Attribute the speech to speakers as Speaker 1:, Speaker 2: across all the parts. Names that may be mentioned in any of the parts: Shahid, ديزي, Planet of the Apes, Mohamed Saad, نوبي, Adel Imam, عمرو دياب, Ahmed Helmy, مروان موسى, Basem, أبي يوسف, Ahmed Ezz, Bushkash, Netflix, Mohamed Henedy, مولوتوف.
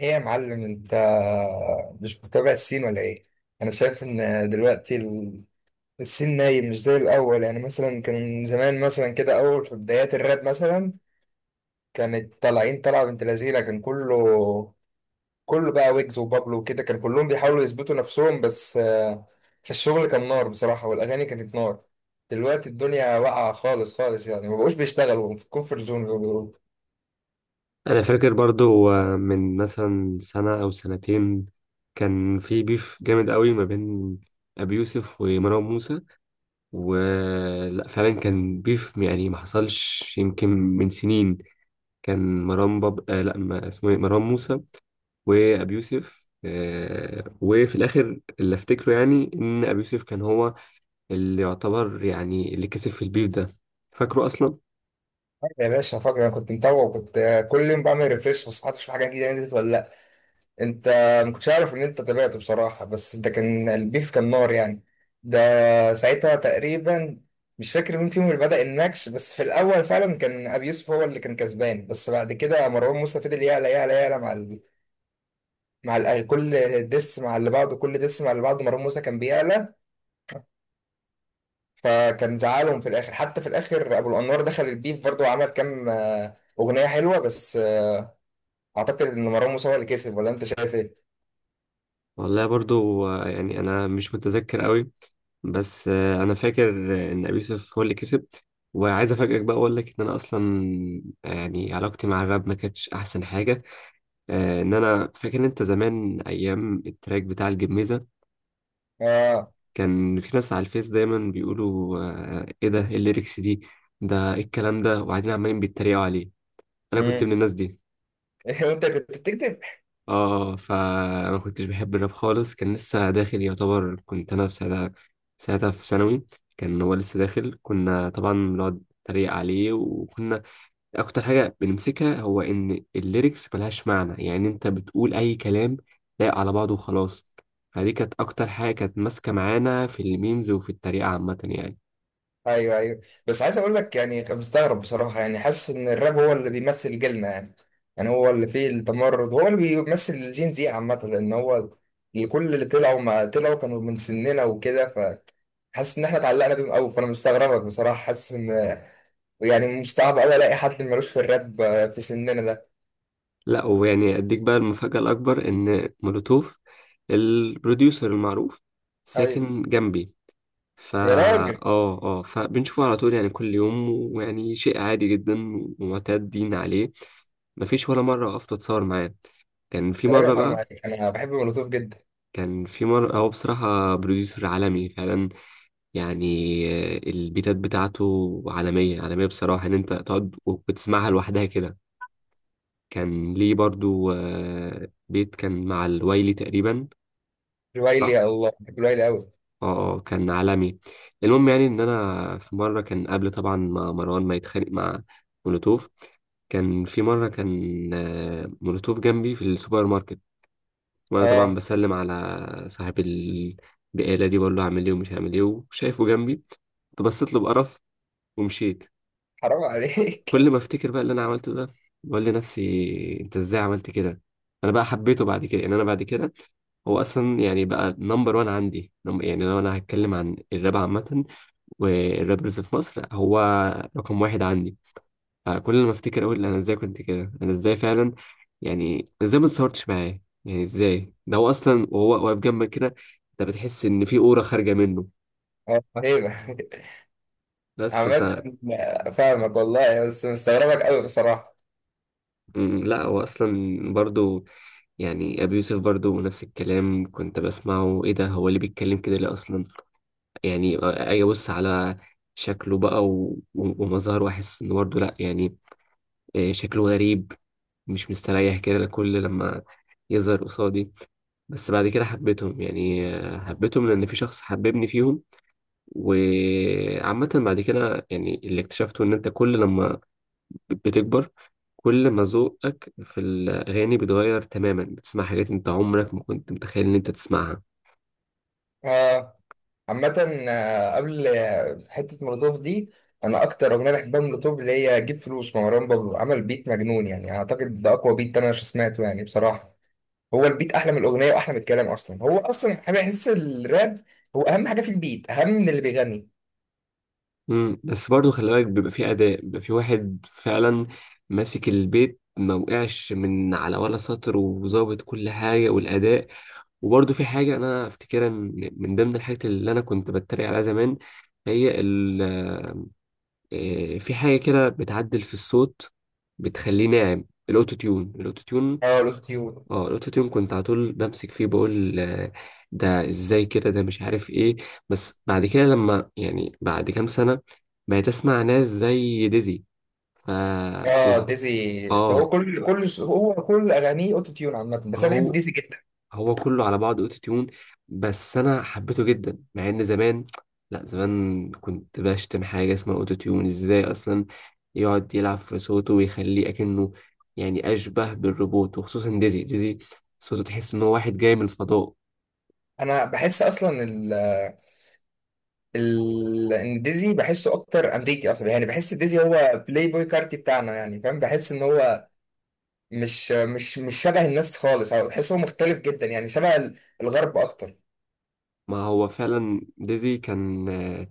Speaker 1: ايه يا معلم، انت مش متابع الصين ولا ايه؟ انا شايف ان دلوقتي الصين نايم، مش زي الاول. يعني مثلا كان زمان مثلا كده، اول في بدايات الراب مثلا كانت طالعين طلعه بنت لذينه، كان كله بقى ويجز وبابلو وكده، كان كلهم بيحاولوا يثبتوا نفسهم، بس في الشغل كان نار بصراحه، والاغاني كانت نار. دلوقتي الدنيا واقعه خالص خالص، يعني ما بقوش بيشتغلوا في الكونفرت زون.
Speaker 2: انا فاكر برضو من مثلا سنة او سنتين كان في بيف جامد قوي ما بين ابي يوسف ومروان موسى. ولا فعلا كان بيف؟ يعني ما حصلش يمكن من سنين. كان مروان باب آه لا، ما اسمه إيه؟ مروان موسى وابي يوسف، وفي الاخر اللي افتكره يعني ان ابي يوسف كان هو اللي يعتبر يعني اللي كسب في البيف ده. فاكره اصلا؟
Speaker 1: يا باشا، فاكر انا كنت متابع، وكنت كل يوم بعمل ريفريش بس حتى اشوف حاجه جديده نزلت ولا لأ. انت ما كنتش عارف ان انت تابعته بصراحه، بس ده كان البيف كان نار يعني. ده ساعتها تقريبا، مش فاكر مين فيهم اللي بدأ النكش، بس في الاول فعلا كان ابي يوسف هو اللي كان كسبان، بس بعد كده مروان موسى فضل يعلى يعلى يعلى كل ديس مع اللي بعده، كل ديس مع اللي بعده، مروان موسى كان بيعلى. فكان زعلهم في الاخر، حتى في الاخر ابو الانوار دخل البيف برضه، وعمل كام اغنيه حلوه، بس اعتقد ان مروان موسى هو اللي كسب، ولا انت شايف ايه؟
Speaker 2: والله برضو، يعني انا مش متذكر قوي، بس انا فاكر ان ابي يوسف هو اللي كسب. وعايز افاجئك بقى، اقول لك ان انا اصلا يعني علاقتي مع الراب ما كانتش احسن حاجه. ان انا فاكر إن انت زمان ايام التراك بتاع الجميزه
Speaker 1: اه.
Speaker 2: كان في ناس على الفيس دايما بيقولوا، ايه ده، إيه الليركس دي، ده ايه الكلام ده، وبعدين عمالين بيتريقوا عليه. انا كنت من
Speaker 1: امم.
Speaker 2: الناس دي.
Speaker 1: انت كنت بتكتب؟
Speaker 2: اه، فانا ما كنتش بحب الراب خالص، كان لسه داخل يعتبر. كنت انا في ساعتها في ثانوي، كان هو لسه داخل، كنا طبعا بنقعد نتريق عليه. وكنا اكتر حاجه بنمسكها هو ان الليركس ملهاش معنى، يعني انت بتقول اي كلام لايق على بعضه وخلاص. فدي كانت اكتر حاجه كانت ماسكه معانا في الميمز وفي التريقه عامه يعني.
Speaker 1: ايوه، ايوه، بس عايز اقول لك، يعني كنت مستغرب بصراحه، يعني حاسس ان الراب هو اللي بيمثل جيلنا يعني، يعني هو اللي فيه التمرد، هو اللي بيمثل الجين زي عامه، لان هو كل اللي طلعوا ما طلعوا كانوا من سننا وكده، فحاسس ان احنا اتعلقنا بيهم قوي، فانا مستغربك بصراحه، حاسس ان يعني مستعب قوي الاقي حد ملوش في الراب في سننا ده.
Speaker 2: لا، ويعني اديك بقى المفاجاه الاكبر، ان مولوتوف البروديوسر المعروف
Speaker 1: ايوه.
Speaker 2: ساكن جنبي. فا
Speaker 1: يا راجل.
Speaker 2: اه اه، فبنشوفه على طول يعني، كل يوم. ويعني شيء عادي جدا ومعتادين عليه. مفيش ولا مرة وقفت اتصور معاه. كان في
Speaker 1: يا
Speaker 2: مرة
Speaker 1: راجل حرام
Speaker 2: بقى،
Speaker 1: عليك، انا بحب مولوتوف جدا.
Speaker 2: كان في مرة هو بصراحة بروديوسر عالمي فعلا يعني. البيتات بتاعته عالمية عالمية بصراحة، ان انت تقعد وتسمعها لوحدها كده. كان ليه برضو بيت كان مع الوايلي تقريبا.
Speaker 1: الويلي، يا
Speaker 2: صح؟
Speaker 1: الله بحب الويلي قوي.
Speaker 2: اه. كان عالمي. المهم يعني ان انا في مره، كان قبل طبعا ما مروان ما يتخانق مع مولوتوف، كان في مره كان مولوتوف جنبي في السوبر ماركت، وانا طبعا
Speaker 1: اه.
Speaker 2: بسلم على صاحب البقاله دي، بقول له هعمل ايه ومش هعمل ايه، وشايفه جنبي كنت بصيت له بقرف ومشيت.
Speaker 1: حرام عليك.
Speaker 2: كل ما افتكر بقى اللي انا عملته ده، بقول لنفسي انت ازاي عملت كده. انا بقى حبيته بعد كده، يعني انا بعد كده هو اصلا يعني بقى نمبر وان عندي. يعني لو انا هتكلم عن الراب عامه والرابرز في مصر، هو رقم واحد عندي. فكل ما افتكر اقول انا ازاي كنت كده، انا ازاي فعلا يعني، أنا ازاي ما اتصورتش معاه؟ يعني ازاي؟ ده هو اصلا، وهو واقف جنبك كده انت بتحس ان في اورا خارجه منه.
Speaker 1: اه، هيبه.
Speaker 2: بس ف
Speaker 1: عامة، فاهمك والله، بس مستغربك قوي بصراحة.
Speaker 2: لا، هو اصلا برضو، يعني ابي يوسف برضو نفس الكلام، كنت بسمعه ايه ده، هو اللي بيتكلم كده ليه اصلا؟ يعني اجي ابص على شكله بقى ومظهره، واحس انه برضه لا يعني، شكله غريب. مش مستريح كده كل لما يظهر قصادي. بس بعد كده حبيتهم يعني، حبيتهم لأن في شخص حببني فيهم. وعامة بعد كده يعني اللي اكتشفته إن أنت كل لما بتكبر، كل ما ذوقك في الأغاني بيتغير تماما، بتسمع حاجات أنت عمرك ما كنت متخيل إن أنت تسمعها.
Speaker 1: آه، عامة، قبل حتة مولوتوف دي، أنا أكتر أغنية بحبها من مولوتوف اللي هي جيب فلوس، مروان بابلو عمل بيت مجنون، يعني أعتقد ده أقوى بيت أنا سمعته يعني بصراحة. هو البيت أحلى من الأغنية وأحلى من الكلام أصلا، هو أصلا بحس الراب هو أهم حاجة في البيت، أهم من اللي بيغني.
Speaker 2: مم. بس برضه خلي بالك، بيبقى في أداء، بيبقى في واحد فعلا ماسك البيت، ما وقعش من على ولا سطر، وظابط كل حاجة والأداء. وبرضه في حاجة أنا أفتكرها من ضمن الحاجات اللي أنا كنت بتريق عليها زمان، هي في حاجة كده بتعدل في الصوت بتخليه ناعم، الأوتو تيون، الأوتو تيون.
Speaker 1: أه، الأوتوتيون.
Speaker 2: اه، الأوتو تيون كنت على طول بمسك فيه، بقول ده إزاي كده، ده مش عارف إيه. بس بعد كده لما يعني بعد كام سنة، بقيت أسمع ناس زي ديزي. ف
Speaker 1: أه،
Speaker 2: وب-
Speaker 1: ديزي ده هو
Speaker 2: اه،
Speaker 1: كل أغانيه أوتوتيون عامة، بس أنا بحب
Speaker 2: هو
Speaker 1: ديزي جدا.
Speaker 2: هو كله على بعض اوتو تيون، بس انا حبيته جدا. مع ان زمان، لا زمان كنت بشتم حاجه اسمها اوتو تيون، ازاي اصلا يقعد يلعب في صوته ويخليه اكنه يعني اشبه بالروبوت؟ وخصوصا ديزي، ديزي صوته تحس ان هو واحد جاي من الفضاء.
Speaker 1: انا بحس اصلا ديزي بحسه اكتر امريكي اصلا، يعني بحس ديزي هو بلاي بوي كارتي بتاعنا، يعني فاهم؟ بحس ان هو مش شبه الناس خالص، او بحس هو مختلف جدا، يعني شبه الغرب اكتر.
Speaker 2: ما هو فعلا ديزي كان آه،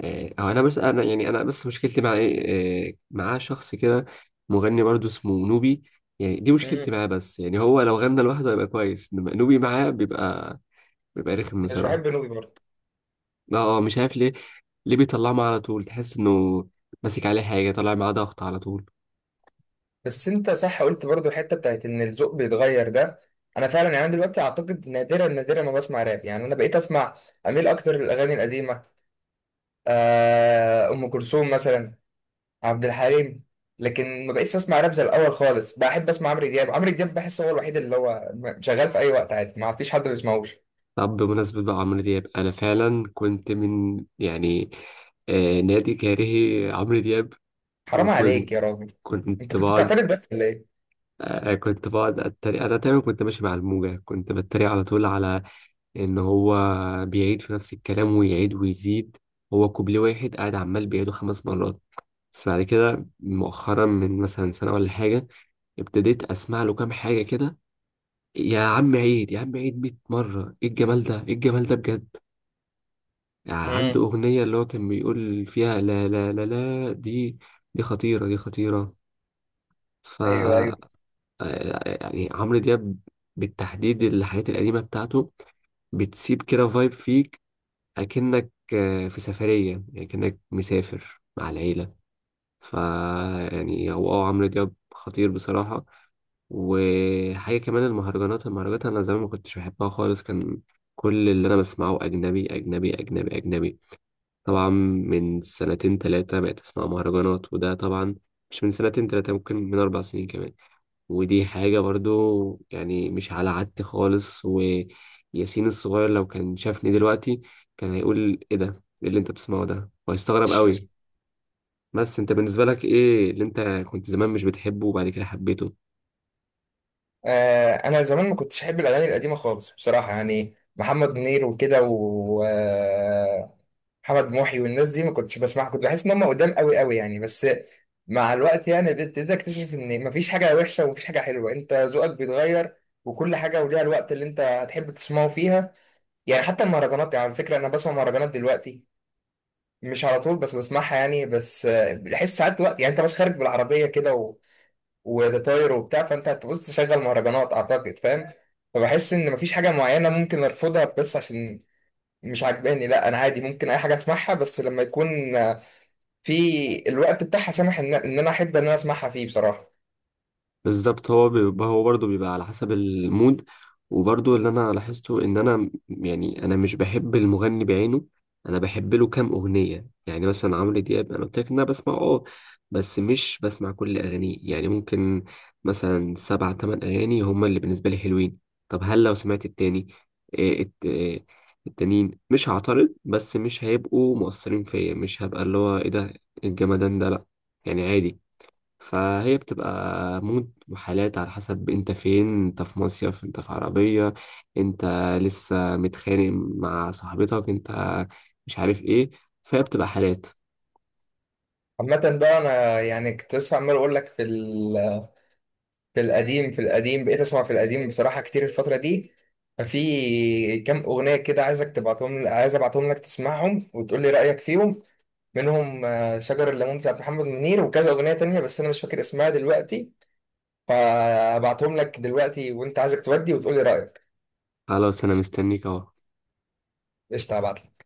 Speaker 2: آه، هو انا بس، انا يعني انا بس مشكلتي مع ايه، معاه شخص كده مغني برضو اسمه نوبي، يعني دي مشكلتي
Speaker 1: امم.
Speaker 2: معاه. بس يعني هو لو غنى لوحده هيبقى كويس، انما نوبي معاه بيبقى رخم
Speaker 1: مش
Speaker 2: بصراحة.
Speaker 1: بحب نوبي برضه.
Speaker 2: اه اه، مش عارف ليه، ليه بيطلعه معاه على طول؟ تحس انه ماسك عليه حاجة، طلع معاه ضغط على طول.
Speaker 1: بس انت صح قلت برضه الحته بتاعت ان الذوق بيتغير ده، انا فعلا، يعني أنا دلوقتي اعتقد نادرا نادرا ما بسمع راب. يعني انا بقيت اسمع، اميل اكتر للاغاني القديمه. ام كلثوم مثلا، عبد الحليم. لكن ما بقتش اسمع راب زي الاول خالص. بحب اسمع عمرو دياب. عمرو دياب بحس هو الوحيد اللي هو شغال في اي وقت عادي، ما فيش حد ما بيسمعوش.
Speaker 2: طب بمناسبة بقى عمرو دياب، أنا فعلا كنت من يعني نادي كارهي عمرو دياب.
Speaker 1: حرام عليك
Speaker 2: وكنت
Speaker 1: يا راجل. انت
Speaker 2: كنت
Speaker 1: كنت
Speaker 2: بقعد،
Speaker 1: بتعترض بس ولا ايه؟
Speaker 2: كنت بقعد أتريق. أنا تقريبا كنت ماشي مع الموجة، كنت بتريق على طول على إن هو بيعيد في نفس الكلام ويعيد ويزيد، هو كوبليه واحد قاعد عمال بيعيده 5 مرات. بس بعد كده مؤخرا من مثلا سنة ولا حاجة، ابتديت اسمع له كام حاجه كده. يا عم عيد، يا عم عيد 100 مره، ايه الجمال ده، ايه الجمال ده بجد. يعني عنده
Speaker 1: امم.
Speaker 2: اغنيه اللي هو كان بيقول فيها لا لا لا لا، دي دي خطيره، دي خطيره. ف
Speaker 1: ايوه، ايوه.
Speaker 2: آه، يعني عمرو دياب بالتحديد الحاجات القديمه بتاعته بتسيب كده فايب فيك، اكنك في سفريه، يعني كأنك مسافر مع العيله. فا يعني هو، اه، عمرو دياب خطير بصراحة. وحاجة كمان، المهرجانات، المهرجانات أنا زمان ما كنتش بحبها خالص، كان كل اللي أنا بسمعه أجنبي أجنبي أجنبي أجنبي. طبعا من سنتين تلاتة بقيت أسمع مهرجانات، وده طبعا مش من سنتين تلاتة، ممكن من 4 سنين كمان. ودي حاجة برضو يعني مش على عادتي خالص. وياسين الصغير لو كان شافني دلوقتي كان هيقول إيه ده؟ إيه اللي أنت بتسمعه ده؟ وهيستغرب قوي. بس انت بالنسبة لك ايه اللي انت كنت زمان مش بتحبه وبعد كده حبيته؟
Speaker 1: انا زمان ما كنتش احب الاغاني القديمه خالص بصراحه، يعني محمد منير وكده، و محمد محي والناس دي ما كنتش بسمعها، كنت بحس ان هم قدام قوي قوي، يعني بس مع الوقت يعني ابتديت اكتشف ان مفيش حاجه وحشه ومفيش حاجه حلوه، انت ذوقك بيتغير، وكل حاجه وليها الوقت اللي انت هتحب تسمعه فيها. يعني حتى المهرجانات، يعني على فكره انا بسمع مهرجانات دلوقتي، مش على طول بس بسمعها يعني، بس بحس ساعات وقت يعني انت بس خارج بالعربيه كده و... وده طاير وبتاع، فانت هتبص تشغل مهرجانات اعتقد، فاهم؟ فبحس ان مفيش حاجه معينه ممكن ارفضها بس عشان مش عاجباني، لا انا عادي ممكن اي حاجه اسمعها، بس لما يكون في الوقت بتاعها، سامح ان انا احب ان انا اسمعها فيه بصراحه.
Speaker 2: بالظبط، هو بيبقى، هو برضه بيبقى على حسب المود. وبرضه اللي انا لاحظته ان انا يعني انا مش بحب المغني بعينه، انا بحب له كام اغنيه. يعني مثلا عمرو دياب، انا قلت لك ان انا بسمع، اه، بس مش بسمع كل اغانيه. يعني ممكن مثلا سبع تمن اغاني هما اللي بالنسبه لي حلوين. طب هل لو سمعت التاني، إيه التانيين، مش هعترض، بس مش هيبقوا مؤثرين فيا، مش هبقى اللي هو ايه ده الجمدان ده، لا يعني عادي. فهي بتبقى مود وحالات، على حسب انت فين، انت في مصيف، انت في عربية، انت لسه متخانق مع صاحبتك، انت مش عارف ايه. فهي بتبقى حالات.
Speaker 1: عامه بقى انا، يعني كنت لسه عمال اقول لك في في القديم، في القديم بقيت اسمع في القديم بصراحه كتير الفتره دي، ففي كام اغنيه كده عايزك تبعتهم، عايز ابعتهم لك تسمعهم وتقول لي رايك فيهم. منهم شجر الليمون بتاعت محمد منير، وكذا اغنيه تانية بس انا مش فاكر اسمها دلوقتي، فابعتهم لك دلوقتي وانت عايزك تودي وتقول لي رايك.
Speaker 2: خلاص، انا مستنيك اهو.
Speaker 1: قشطه، هبعت.